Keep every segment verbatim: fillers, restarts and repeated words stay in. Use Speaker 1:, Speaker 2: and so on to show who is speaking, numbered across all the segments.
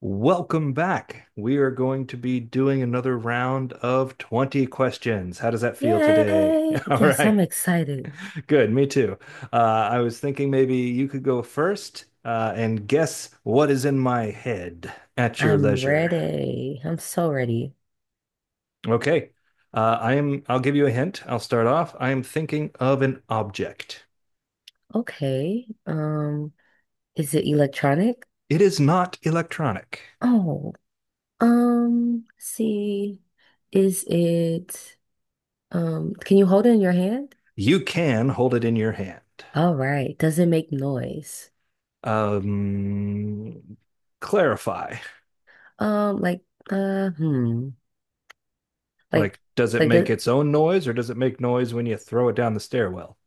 Speaker 1: Welcome back. We are going to be doing another round of twenty questions. How does that feel today?
Speaker 2: Yay!
Speaker 1: All
Speaker 2: Yes,
Speaker 1: right,
Speaker 2: I'm excited.
Speaker 1: good. Me too. Uh, I was thinking maybe you could go first uh, and guess what is in my head at your
Speaker 2: I'm
Speaker 1: leisure.
Speaker 2: ready. I'm so ready.
Speaker 1: Okay. Uh, I am, I'll give you a hint. I'll start off. I am thinking of an object.
Speaker 2: Okay. Um, is it electronic?
Speaker 1: It is not electronic.
Speaker 2: Oh, um, let's see. Is it um, can you hold it in your hand?
Speaker 1: You can hold it in your hand.
Speaker 2: All right. Does it make noise?
Speaker 1: Um, Clarify.
Speaker 2: Um, like uh hmm. Like
Speaker 1: Like, does it
Speaker 2: like does
Speaker 1: make its own noise or does it make noise when you throw it down the stairwell?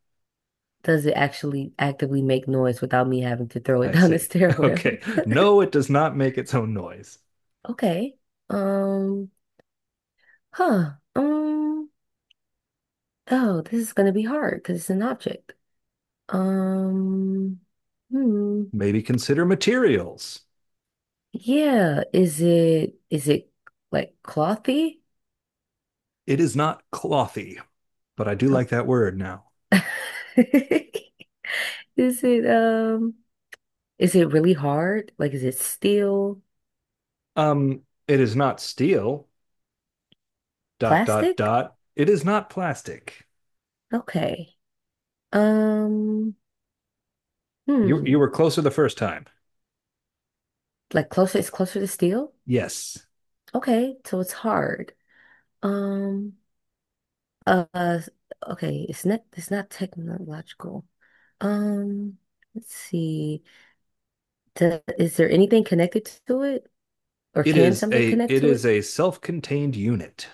Speaker 2: does it actually actively make noise without me having to throw it
Speaker 1: I
Speaker 2: down the
Speaker 1: see.
Speaker 2: stairwell?
Speaker 1: Okay. No, it does not make its own noise.
Speaker 2: Okay. Um, huh. Um Oh, this is going to be hard because it's an object. Um, hmm.
Speaker 1: Maybe consider materials.
Speaker 2: Yeah, is it is it like clothy?
Speaker 1: It is not clothy, but I do
Speaker 2: How-
Speaker 1: like that word now.
Speaker 2: Is it um is it really hard? Like is it steel,
Speaker 1: Um, it is not steel, dot, dot,
Speaker 2: plastic?
Speaker 1: dot. It is not plastic.
Speaker 2: Okay. Um,
Speaker 1: You you
Speaker 2: hmm.
Speaker 1: were closer the first time.
Speaker 2: Like closer, it's closer to steel?
Speaker 1: Yes.
Speaker 2: Okay, so it's hard. Um, uh, uh, okay, it's not it's not technological. Um, let's see. To, is there anything connected to it? Or
Speaker 1: It
Speaker 2: can
Speaker 1: is
Speaker 2: something
Speaker 1: a
Speaker 2: connect
Speaker 1: it
Speaker 2: to
Speaker 1: is
Speaker 2: it?
Speaker 1: a self-contained unit.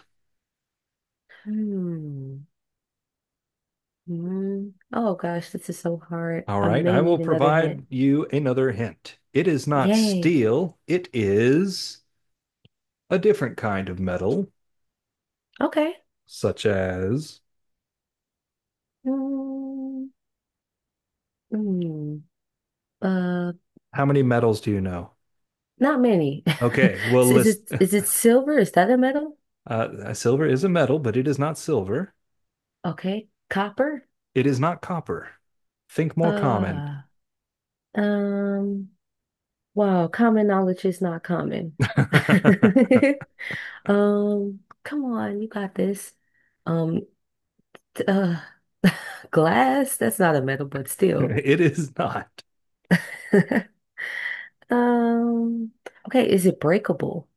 Speaker 2: Hmm. Hmm. Oh gosh, this is so hard.
Speaker 1: All
Speaker 2: I
Speaker 1: right,
Speaker 2: may
Speaker 1: I will
Speaker 2: need another hint.
Speaker 1: provide you another hint. It is not
Speaker 2: Yay.
Speaker 1: steel, it is a different kind of metal,
Speaker 2: Okay.
Speaker 1: such as
Speaker 2: Hmm. Hmm. Uh,
Speaker 1: how many metals do you know?
Speaker 2: not many.
Speaker 1: Okay, well,
Speaker 2: Is
Speaker 1: list
Speaker 2: it
Speaker 1: uh,
Speaker 2: is it silver? Is that a metal?
Speaker 1: uh, silver is a metal, but it is not silver.
Speaker 2: Okay. Copper?
Speaker 1: It is not copper. Think more common.
Speaker 2: Uh, um, wow, common knowledge is not common.
Speaker 1: It
Speaker 2: Um, come on, you got this. Um, Uh, glass? That's not a metal, but still.
Speaker 1: is not.
Speaker 2: Um, okay, is it breakable?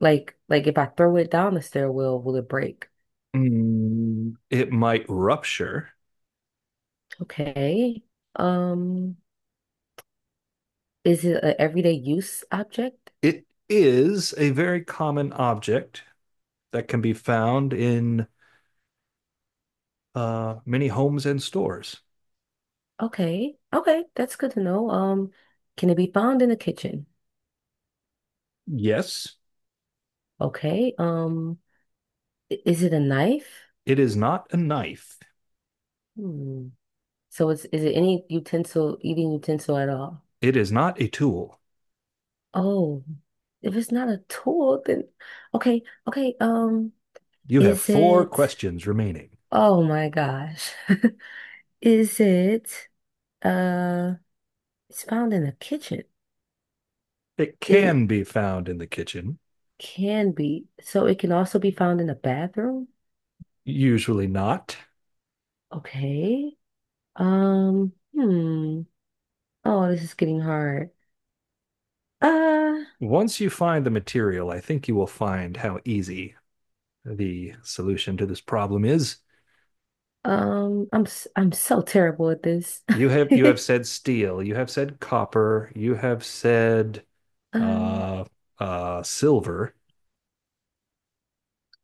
Speaker 2: Like, like if I throw it down the stairwell, will it break?
Speaker 1: Mm, It might rupture.
Speaker 2: Okay. Um, is it an everyday use object?
Speaker 1: It is a very common object that can be found in uh, many homes and stores.
Speaker 2: Okay. Okay, that's good to know. Um, can it be found in the kitchen?
Speaker 1: Yes,
Speaker 2: Okay. Um, I- is it a knife?
Speaker 1: it is not a knife.
Speaker 2: Hmm. So it's is it any utensil, eating utensil at all?
Speaker 1: It is not a tool.
Speaker 2: Oh, if it's not a tool, then okay, okay. Um,
Speaker 1: You have
Speaker 2: is
Speaker 1: four
Speaker 2: it?
Speaker 1: questions remaining.
Speaker 2: Oh my gosh, is it? Uh, it's found in the kitchen.
Speaker 1: It
Speaker 2: It
Speaker 1: can be found in the kitchen,
Speaker 2: can be, so it can also be found in the bathroom.
Speaker 1: usually not.
Speaker 2: Okay. Um. Hmm. Oh, this is getting hard. Uh.
Speaker 1: Once you find the material, I think you will find how easy the solution to this problem is.
Speaker 2: Um. I'm. s- I'm so terrible at this.
Speaker 1: You have you have said steel, you have said copper, you have said
Speaker 2: Um.
Speaker 1: uh uh silver.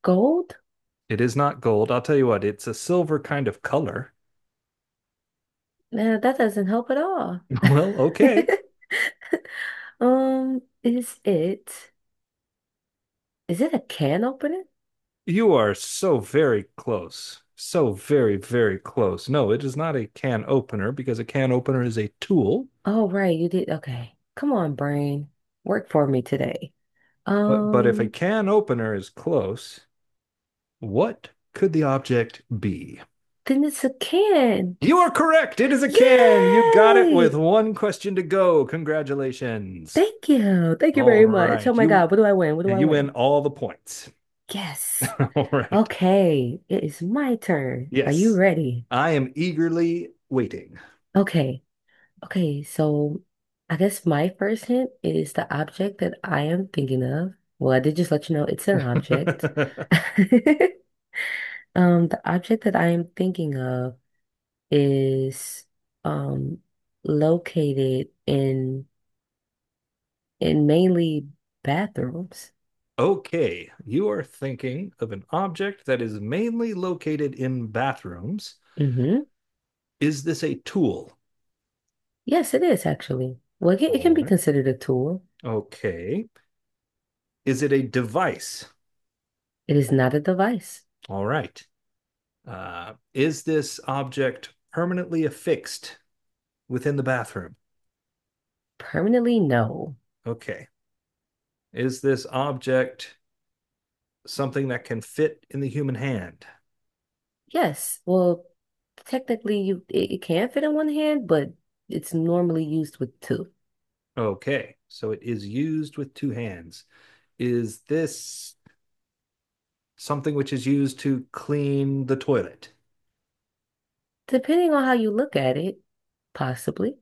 Speaker 2: Gold?
Speaker 1: It is not gold. I'll tell you what, it's a silver kind of color.
Speaker 2: Nah, that doesn't help at all.
Speaker 1: Well, okay.
Speaker 2: Um, is it is it a can opener?
Speaker 1: You are so very close. So very, very close. No, it is not a can opener because a can opener is a tool.
Speaker 2: Oh, right, you did. Okay. Come on, brain. Work for me today.
Speaker 1: But, but if a
Speaker 2: Um,
Speaker 1: can opener is close, what could the object be?
Speaker 2: then it's a can.
Speaker 1: You are correct. It is a can. You got it with
Speaker 2: Yay!
Speaker 1: one question to go. Congratulations.
Speaker 2: Thank you. Thank you
Speaker 1: All
Speaker 2: very much. Oh
Speaker 1: right.
Speaker 2: my
Speaker 1: You
Speaker 2: God, what do I win? What do I
Speaker 1: you win
Speaker 2: win?
Speaker 1: all the points.
Speaker 2: Yes.
Speaker 1: All right.
Speaker 2: Okay, it is my turn. Are you
Speaker 1: Yes.
Speaker 2: ready?
Speaker 1: I am eagerly waiting.
Speaker 2: Okay. Okay, so I guess my first hint is the object that I am thinking of. Well, I did just let you know it's an object. Um, the object that I am thinking of is um located in in mainly bathrooms.
Speaker 1: Okay. You are thinking of an object that is mainly located in bathrooms.
Speaker 2: Hmm.
Speaker 1: Is this a tool?
Speaker 2: Yes, it is actually. Well, it can, it can
Speaker 1: All
Speaker 2: be
Speaker 1: right.
Speaker 2: considered a tool.
Speaker 1: Okay. Is it a device?
Speaker 2: It is not a device.
Speaker 1: All right. Uh, is this object permanently affixed within the bathroom?
Speaker 2: Permanently, no.
Speaker 1: Okay. Is this object something that can fit in the human hand?
Speaker 2: Yes. Well, technically, you it, it can fit in one hand, but it's normally used with two,
Speaker 1: Okay. So it is used with two hands. Is this something which is used to clean the toilet?
Speaker 2: depending on how you look at it, possibly.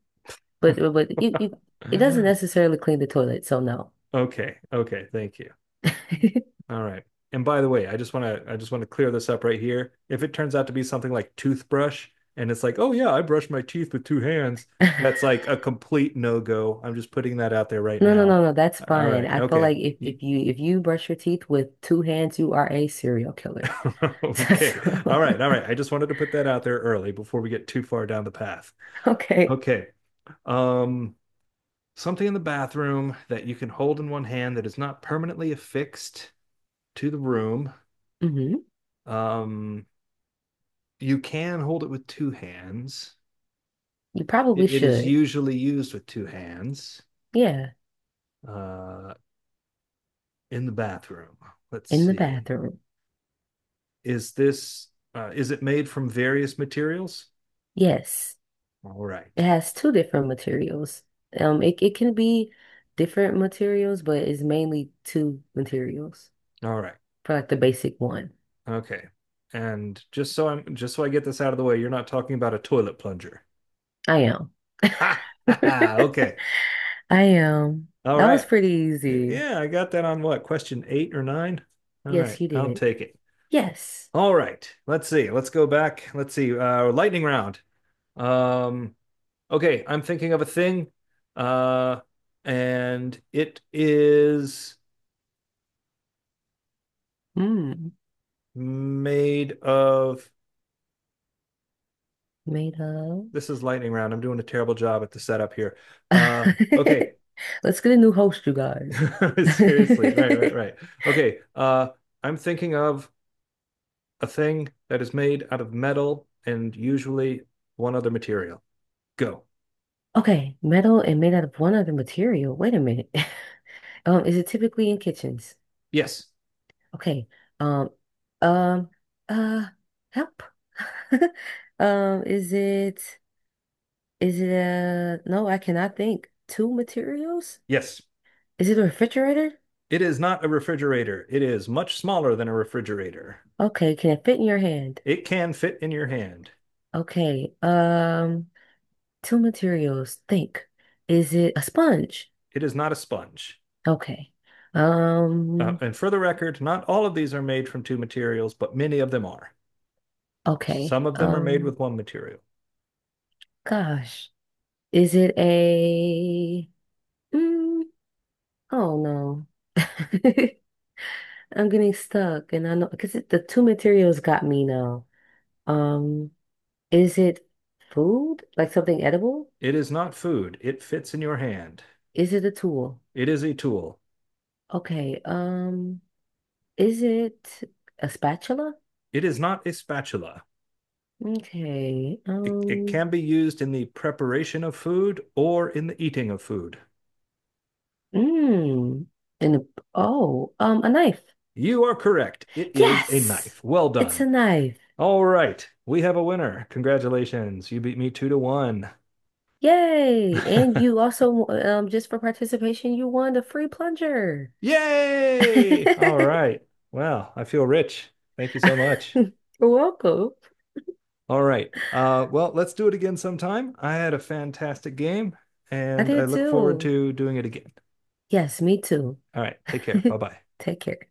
Speaker 2: But but you, you it doesn't necessarily clean the toilet, so no.
Speaker 1: Okay. Okay. Thank you. All right. And by the way, I just want to I just want to clear this up right here. If it turns out to be something like toothbrush and it's like, "Oh yeah, I brush my teeth with two hands." That's like a complete no-go. I'm just putting that out there right
Speaker 2: No, no,
Speaker 1: now.
Speaker 2: no, no, that's
Speaker 1: All
Speaker 2: fine.
Speaker 1: right.
Speaker 2: I feel
Speaker 1: Okay.
Speaker 2: like if, if you if you brush your teeth with two hands, you are a serial killer.
Speaker 1: Okay.
Speaker 2: So,
Speaker 1: All right. All right. I just wanted to put that out there early before we get too far down the path.
Speaker 2: okay.
Speaker 1: Okay. Um, something in the bathroom that you can hold in one hand that is not permanently affixed to the room.
Speaker 2: Hmm.
Speaker 1: Um, you can hold it with two hands.
Speaker 2: You probably
Speaker 1: It is
Speaker 2: should.
Speaker 1: usually used with two hands
Speaker 2: Yeah,
Speaker 1: uh, in the bathroom. Let's
Speaker 2: in the
Speaker 1: see.
Speaker 2: bathroom.
Speaker 1: Is this uh, is it made from various materials?
Speaker 2: Yes.
Speaker 1: All
Speaker 2: It
Speaker 1: right.
Speaker 2: has two different materials. Um, it, it can be different materials, but it's mainly two materials
Speaker 1: All right.
Speaker 2: for like the basic one.
Speaker 1: Okay. And just so I'm just so I get this out of the way, you're not talking about a toilet plunger.
Speaker 2: I am. I
Speaker 1: Ha! Ha! Ha. Okay.
Speaker 2: am.
Speaker 1: All
Speaker 2: That was
Speaker 1: right.
Speaker 2: pretty easy.
Speaker 1: Yeah, I got that on what? Question eight or nine? All
Speaker 2: Yes,
Speaker 1: right.
Speaker 2: you
Speaker 1: I'll
Speaker 2: did.
Speaker 1: take it.
Speaker 2: Yes.
Speaker 1: All right. Let's see. Let's go back. Let's see. Uh lightning round. Um Okay, I'm thinking of a thing, uh, and it is
Speaker 2: Mm.
Speaker 1: made of.
Speaker 2: Made up.
Speaker 1: This is lightning round. I'm doing a terrible job at the setup here. Uh, okay,
Speaker 2: Let's get a new host, you guys.
Speaker 1: seriously, right, right, right. Okay, uh, I'm thinking of a thing that is made out of metal and usually one other material. Go.
Speaker 2: Okay, metal and made out of one other material. Wait a minute. Um, is it typically in kitchens?
Speaker 1: Yes,
Speaker 2: Okay. Um, um, uh, help. Um, is it is it uh no, I cannot think. Two materials?
Speaker 1: yes.
Speaker 2: Is it a refrigerator?
Speaker 1: It is not a refrigerator. It is much smaller than a refrigerator.
Speaker 2: Okay, can it fit in your hand?
Speaker 1: It can fit in your hand.
Speaker 2: Okay. Um, two materials. Think. Is it a sponge?
Speaker 1: It is not a sponge.
Speaker 2: Okay.
Speaker 1: Uh,
Speaker 2: Um,
Speaker 1: and for the record, not all of these are made from two materials, but many of them are.
Speaker 2: okay.
Speaker 1: Some of them are made
Speaker 2: Um,
Speaker 1: with one material.
Speaker 2: gosh. Is it a mm, oh no. I'm getting stuck and I know because the two materials got me now. Um, is it food? Like something edible?
Speaker 1: It is not food. It fits in your hand.
Speaker 2: Is it a tool?
Speaker 1: It is a tool.
Speaker 2: Okay. Um, is it a spatula?
Speaker 1: It is not a spatula.
Speaker 2: Okay.
Speaker 1: It, it
Speaker 2: Um,
Speaker 1: can be used in the preparation of food or in the eating of food.
Speaker 2: mm, and a, oh, um, a knife.
Speaker 1: You are correct. It is a
Speaker 2: Yes,
Speaker 1: knife. Well
Speaker 2: it's a
Speaker 1: done.
Speaker 2: knife.
Speaker 1: All right. We have a winner. Congratulations. You beat me two to one.
Speaker 2: Yay! And you also, um, just for participation, you won the free plunger.
Speaker 1: Yay! All right. Well, I feel rich. Thank you so much.
Speaker 2: You're welcome.
Speaker 1: All right. Uh, well, let's do it again sometime. I had a fantastic game,
Speaker 2: I
Speaker 1: and I
Speaker 2: did
Speaker 1: look forward
Speaker 2: too.
Speaker 1: to doing it again.
Speaker 2: Yes, me too.
Speaker 1: All right. Take care. Bye bye.
Speaker 2: Take care.